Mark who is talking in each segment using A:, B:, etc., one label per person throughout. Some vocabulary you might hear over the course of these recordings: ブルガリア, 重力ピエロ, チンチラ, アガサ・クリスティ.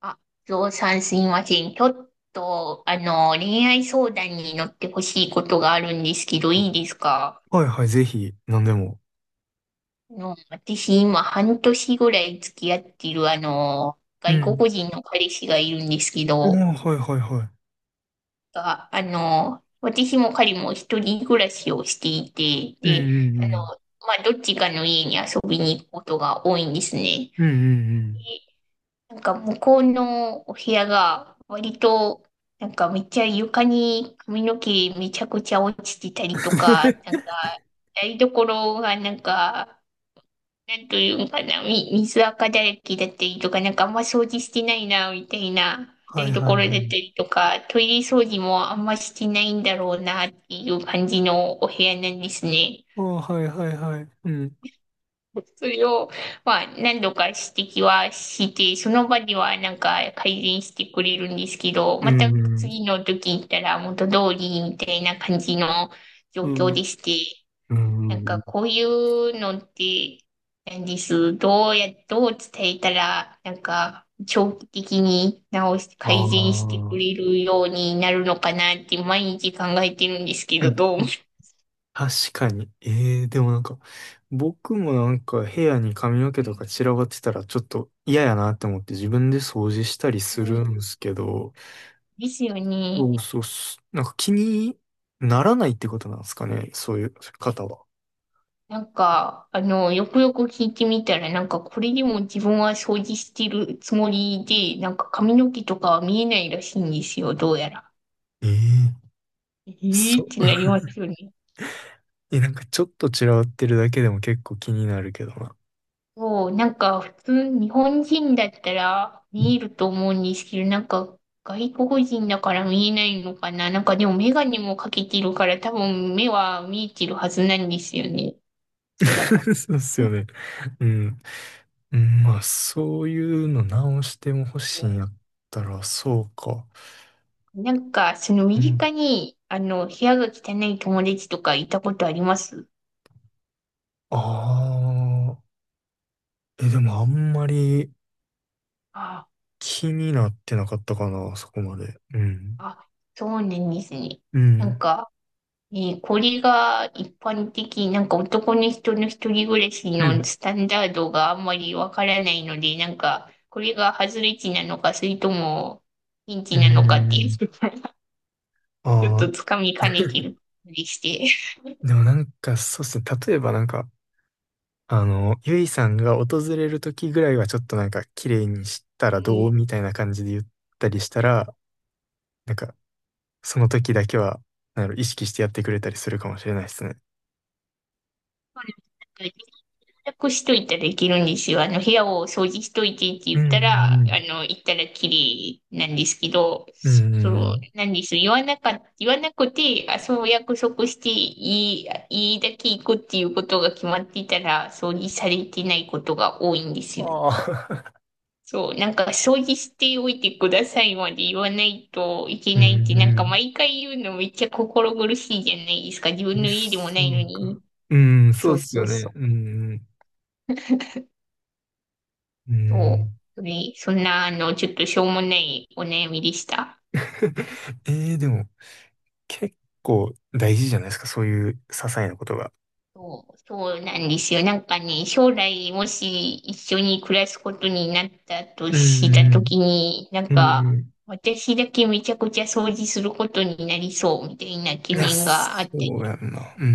A: あ、ゾウさんすいません。ちょっと、恋愛相談に乗ってほしいことがあるんですけど、い
B: あ、
A: いですか？
B: はいはい、ぜひ、何でも。
A: 私今半年ぐらい付き合っている、
B: う
A: 外
B: ん。
A: 国人の彼氏がいるんですけ
B: あ、
A: ど、
B: はいはいはい。
A: が、私も彼も一人暮らしをしていて、
B: うんう
A: で、あ
B: んうん。
A: の、どっちかの家に遊びに行くことが多いんですね。
B: うんうんうん。
A: でなんか向こうのお部屋が割となんかめっちゃ床に髪の毛めちゃくちゃ落ちてたりとか、なんか 台所がなんか、なんというんかな、水垢だらけだったりとか、なんかあんま掃除してないな、みたいな
B: はい
A: 台
B: は
A: 所
B: い
A: だ
B: は
A: った
B: い。
A: りとか、トイレ掃除もあんましてないんだろうなっていう感じのお部屋なんですね。
B: あ、はいはいはい。うん。
A: それを、何度か指摘はして、その場ではなんか改善してくれるんですけど、
B: う
A: また
B: んうん。
A: 次の時に行ったら元通りみたいな感じの状
B: う
A: 況
B: ん。
A: でして、
B: う
A: なんか
B: ん、
A: こういうのって何です。どう伝えたら、なんか長期的に直して改善してく
B: ああ
A: れるようになるのかなって毎日考えてるんです
B: ー。
A: けど、どう思いま す？
B: 確かに。ええー、でもなんか、僕もなんか部屋に髪の毛とか散らばってたらちょっと嫌やなって思って自分で掃除したり
A: う
B: する
A: ん、
B: んですけど、
A: ですよね。
B: そうそうっす、なんか気にならないってことなんですかね、そういう方は。
A: なんか、よくよく聞いてみたら、なんか、これでも自分は掃除してるつもりで、なんか髪の毛とかは見えないらしいんですよ、どうやら。
B: ええ、
A: え
B: そ
A: ーっ
B: う。
A: てなり ますよね。
B: え、なんかちょっと散らばってるだけでも結構気になるけどな。
A: そう、なんか、普通、日本人だったら見え ると思うんですけど、なんか、外国人だから見えないのかな。なんか、でもメガネもかけてるから、多分目は見えてるはずなんですよね、おそらく。
B: そうっすよね。うん。うん、まあ、そういうの直しても欲しいんやったら、そうか。
A: なんか、その身
B: うん。
A: 近に、部屋が汚い友達とかいたことあります？
B: ああ。え、でもあんまり
A: あ
B: 気になってなかったかな、そこまで。うん。
A: あ、そうなんですね。
B: う
A: なん
B: ん。
A: か、ね、これが一般的、なんか男の人の一人暮らし
B: う
A: の
B: ん。
A: スタンダードがあんまりわからないので、なんか、これが外れ値なのか、それとも、ピン
B: う
A: チなのかっていう、
B: ん。あ
A: ちょっと
B: あ。
A: つかみかねてるふりして。
B: でもなんか、そうっすね。例えばなんか、ゆいさんが訪れる時ぐらいはちょっとなんか綺麗にした
A: う
B: らど
A: ん。
B: うみたいな感じで言ったりしたら、なんかその時だけは、なんやろ、意識してやってくれたりするかもしれないですね。
A: そうなんです。洗濯しといたらできるんですよ。部屋を掃除しといてって
B: う
A: 言った
B: んう
A: ら、
B: ん
A: 行ったら綺麗なんですけど、
B: うん。う
A: そ
B: んう
A: う、
B: ん、
A: なんです。言わなくて、あ、そう約束していいだけ行くっていうことが決まってたら、掃除されてないことが多いんですよね。
B: ああ、
A: そう、なんか掃除しておいてくださいまで言わないといけ
B: うん。
A: ないって、なん
B: う
A: か
B: ん
A: 毎回言うのめっちゃ心苦しいじゃないですか。自分
B: うん。
A: の家でもない
B: そ
A: の
B: うか。
A: に。
B: うん、そ
A: そ
B: うっ
A: う
B: す
A: そ
B: よ
A: う
B: ね。
A: そ
B: うんうん。
A: う。
B: う
A: そ
B: ん。
A: う。でそんな、ちょっとしょうもないお悩みでした。
B: えー、でも結構大事じゃないですか、そういう些細なことが。
A: そう、そうなんですよ。なんかね、将来もし一緒に暮らすことになったと
B: うん
A: した
B: う
A: とき
B: ん。
A: に、なん
B: うんう
A: か、
B: ん、
A: 私だけめちゃくちゃ掃除することになりそうみたいな
B: い
A: 懸
B: や、
A: 念があ
B: そ
A: った
B: う
A: り
B: やんな。うん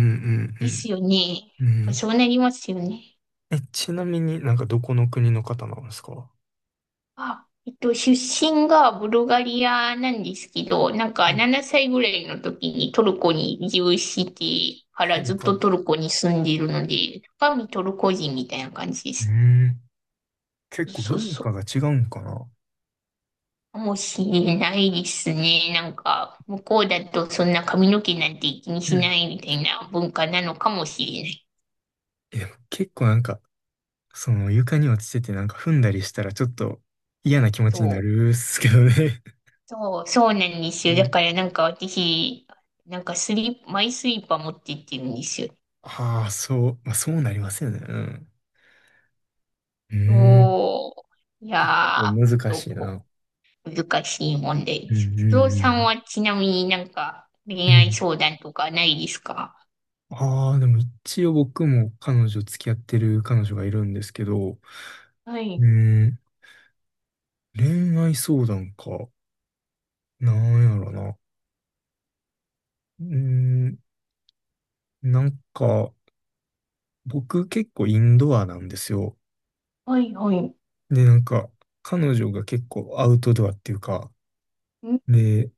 B: う
A: です
B: ん
A: よね。やっ
B: うん。う
A: ぱそ
B: ん。
A: うなりますよね。
B: え、ちなみになんかどこの国の方なんですか？
A: あ、出身がブルガリアなんですけど、なん
B: う
A: か
B: ん、
A: 7歳ぐらいの時にトルコに移住してか
B: は
A: ら
B: い
A: ずっ
B: は
A: と
B: い。
A: トルコに住んでいるので、中身トルコ人みたいな感じで
B: う
A: す。
B: ん。結構
A: そう
B: 文
A: そう。
B: 化が違うんかな？
A: かもしれないですね。なんか、向こうだとそんな髪の毛なんて気に
B: う
A: し
B: ん。
A: ないみたいな文化なのかもしれない。
B: いや、結構なんか、その床に落ちててなんか踏んだりしたらちょっと嫌な気持ちに
A: そ
B: な
A: う、
B: るっすけどね。
A: そう、そうなんです
B: う
A: よ。だ
B: ん。
A: からなんか私、なんかスリーパー持って行ってるんですよ。
B: ああ、そう、まあ、そうなりますよね。うん。う
A: おー、い
B: ーん。
A: やー、
B: 難
A: ど
B: しい
A: こ、
B: な。
A: 難しい問題
B: う
A: で
B: ん
A: す。
B: うん
A: 不動
B: う
A: さん
B: ん。
A: はちなみになんか
B: う
A: 恋愛
B: ん、
A: 相談とかないですか？
B: ああ、でも一応僕も彼女、付き合ってる彼女がいるんですけど、
A: は
B: うー
A: い、
B: ん、恋愛相談か。なんやろな。うーん、なんか、僕結構インドアなんですよ。
A: はい、はい。
B: で、なんか、彼女が結構アウトドアっていうか、
A: ん
B: で、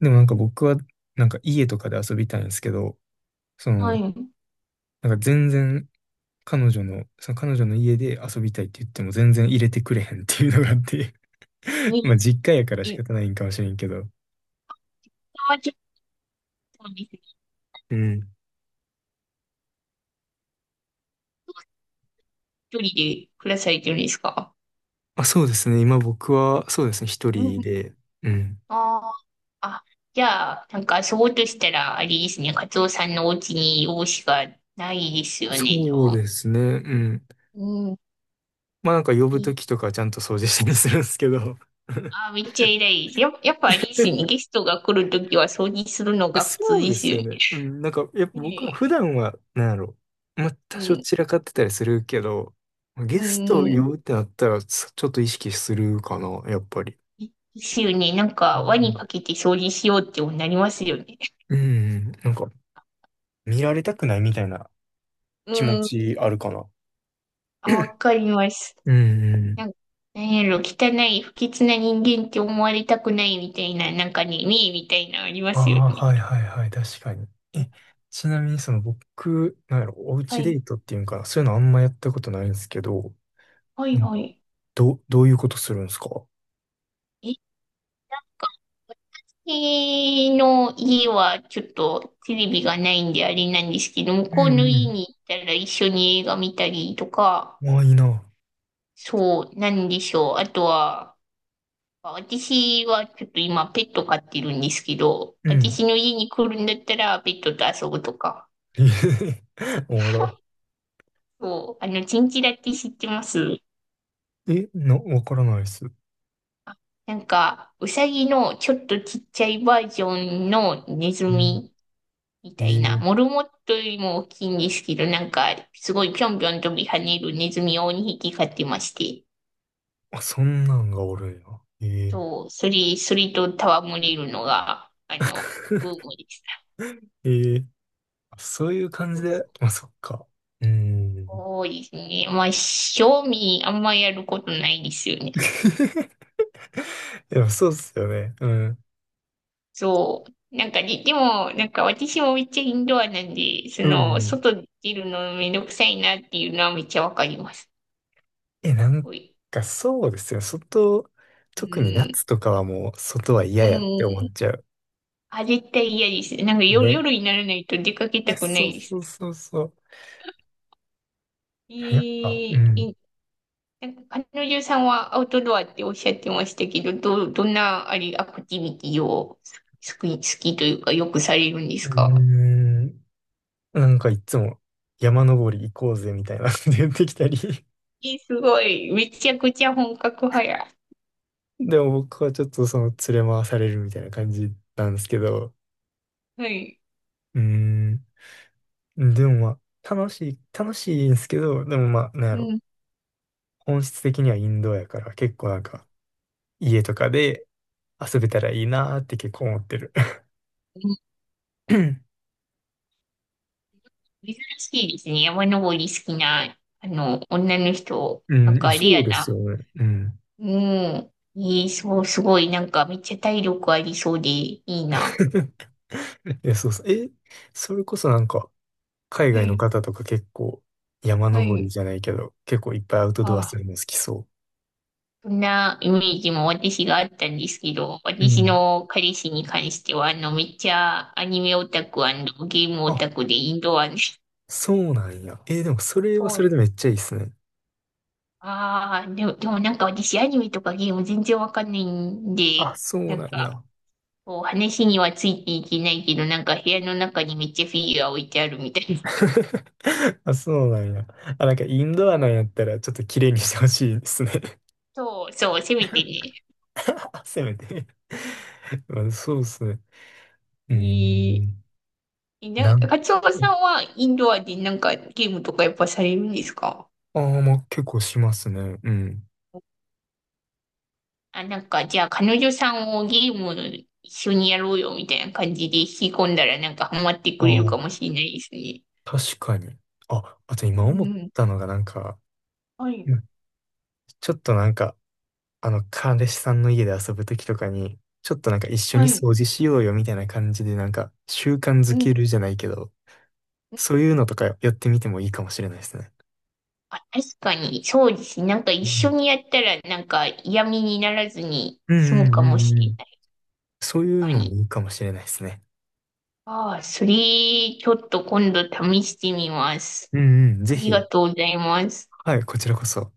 B: でもなんか僕は、なんか家とかで遊びたいんですけど、そ
A: は
B: の、
A: い。
B: なんか全然彼女の、その彼女の家で遊びたいって言っても全然入れてくれへんっていうのがあって。
A: に、
B: まあ実家やから
A: え、
B: 仕
A: 今
B: 方ないんかもしれんけど。
A: はちょっとですね、
B: うん。
A: 一人で暮らされてるんですか？
B: あ、そうですね。今僕は、そうですね。一
A: うん。
B: 人で。うん。
A: ああ、あ、じゃあ、なんかそうとしたら、あれですね、カツオさんのお家に容姿がないですよね、
B: そう
A: 多
B: ですね。うん。
A: 分。うん。
B: まあなんか呼ぶときとかちゃんと掃除したりするんですけど。
A: あー、めっちゃ偉いです。やっぱあれで
B: え、
A: す
B: い
A: よね。ゲストが来るときは掃除するの
B: や、
A: が普通
B: そう
A: で
B: で
A: す
B: す
A: よ
B: よ
A: ね。
B: ね。うん。なんか、やっぱ
A: ね
B: 僕は
A: え、
B: 普段は、なんやろ、まあ
A: う
B: 多少
A: ん、
B: 散らかってたりするけど、
A: う
B: ゲストを呼
A: ん。
B: ぶってなったら、ちょっと意識するかな、やっぱり。
A: ですよね。なん
B: う
A: か、輪に
B: ん
A: かけて掃除しようってなりますよね。
B: うん。なんか、見られたくないみたいな気持
A: うん。
B: ちあるかな。
A: あ、わかります。
B: うん。
A: なんか、なんやろ、汚い、不潔な人間って思われたくないみたいな、なんかね、ねえみたいなのありま
B: あ
A: すよ
B: あ、
A: ね。
B: はいはいはい、確かに。え、ちなみにその僕、なんやろ、おう
A: は
B: ちデ
A: い、
B: ートっていうんかな、そういうのあんまやったことないんですけど、
A: はい、
B: なん
A: は
B: か、
A: い。
B: どういうことするんですか？
A: え、私の家はちょっとテレビがないんであれなんですけど、向
B: う
A: こうの家
B: ん
A: に行ったら一緒に映画見たりとか、
B: うん。ああ、いいな。
A: そう、なんでしょう。あとは、私はちょっと今ペット飼ってるんですけど、
B: うん。
A: 私の家に来るんだったらペットと遊ぶとか。
B: えへへ、おもろ。
A: そう、チンチラって知ってます？
B: え、わからないっす。
A: なんか、うさぎのちょっとちっちゃいバージョンのネズ
B: う
A: ミみ
B: ん、
A: たいな。
B: え
A: モ
B: え、
A: ルモットよりも大きいんですけど、なんか、すごいぴょんぴょん飛び跳ねるネズミを2匹飼ってまして、
B: あ、そんなんがおるんや。ええ。
A: そう、それと戯れるのが、ブームでした。
B: ええ、あ、そういう感じ
A: そう
B: で、まあ、そっか。うーん。
A: そうですね。賞味あんまやることないですよね。
B: でもそうっすよね。うん。
A: そう。なんかねでも、なんか私もめっちゃインドアなんで、
B: うん。
A: 外出るのめんどくさいなっていうのはめっちゃわかります。
B: え、なん
A: おい
B: かそうですよ。外、
A: う
B: 特に
A: ん。
B: 夏とかはもう外は
A: う
B: 嫌やって
A: ん。
B: 思っちゃう。
A: あ、絶対嫌です。なんか夜、
B: ね。
A: 夜にならないと出かけ
B: い
A: た
B: や、
A: くな
B: そう
A: いです。
B: そうそうそう。
A: えー、
B: いや、やっぱ、うん。
A: いなんか彼女さんはアウトドアっておっしゃってましたけど、どんなアクティビティを好きというかよくされるんで
B: う
A: す
B: ー
A: か？
B: ん。なんかいつも山登り行こうぜみたいなこと言ってきたり。
A: えー、すごい。めちゃくちゃ本格派や。
B: でも僕はちょっとその連れ回されるみたいな感じなんですけど。
A: はい。
B: うーん。でもまあ、楽しい、楽しいんですけど、でもまあ、なんや
A: う
B: ろ。
A: ん。
B: 本質的にはインドアやから、結構なんか、家とかで遊べたらいいなーって結構思ってる。
A: うん、 珍しいですね。山登り好きな、女の人。
B: う
A: なん
B: ん、
A: かレ
B: そ
A: ア
B: うです
A: な。
B: よね。うん。
A: うん。えー、そう、すごい。なんかめっちゃ体力ありそうでいいな。
B: いや、そうそう。え、それこそなんか、海
A: は
B: 外の
A: い。
B: 方とか結構、山
A: は
B: 登り
A: い。
B: じゃないけど、結構いっぱいアウトドアす
A: あ、
B: るの好きそ
A: そんなイメージも私があったんですけど、
B: う。う
A: 私
B: ん。
A: の彼氏に関しては、めっちゃアニメオタクゲームオ
B: あ、
A: タクでインドアに。
B: そうなんや。え、でもそれは
A: そ
B: そ
A: う。
B: れでめっちゃいいっすね。
A: ああ、でもなんか私アニメとかゲーム全然わかんないん
B: あ、
A: で、
B: そう
A: な
B: な
A: ん
B: ん
A: か、
B: や。
A: こう話にはついていけないけど、なんか部屋の中にめっちゃフィギュア置いてあるみたいな。
B: あ、そうなんや。あ、なんかインドアな
A: そ
B: ん
A: う、
B: やったらちょっと綺麗にしてほしいですね。
A: そう、そう、せめてね。
B: せめて。 まあ、そうですね。
A: え
B: うー
A: ー、
B: ん。なん
A: カツ
B: か、
A: オさんはインドアでなんかゲームとかやっぱされるんですか？
B: ああ、まあ結構しますね。うん。
A: あ、なんか、じゃあ彼女さんをゲーム一緒にやろうよみたいな感じで引き込んだらなんかハマってくれるか
B: あ
A: もしれないですね。
B: あ、確かに。あ、あと
A: う
B: 今思っ
A: ん。
B: たのがなんか、
A: はい。
B: うん、ちょっとなんか、彼氏さんの家で遊ぶときとかに、ちょっとなんか一緒
A: は
B: に
A: い。
B: 掃除しようよみたいな感じでなんか習慣
A: う
B: づけ
A: ん。
B: るじゃないけど、そういうのとかやってみてもいいかもしれないですね。
A: あ、確かに、そうですね。なんか一緒にやったらなんか嫌味にならずに
B: う
A: 済
B: ん
A: む
B: うん
A: か
B: う
A: もし
B: んう
A: れ
B: ん。
A: ない。
B: そういう
A: 確か
B: のも
A: に。
B: いいかもしれないですね。
A: ああ、ちょっと今度試してみます。
B: うんうん。
A: あ
B: ぜ
A: りが
B: ひ。
A: とうございます。
B: はい、こちらこそ。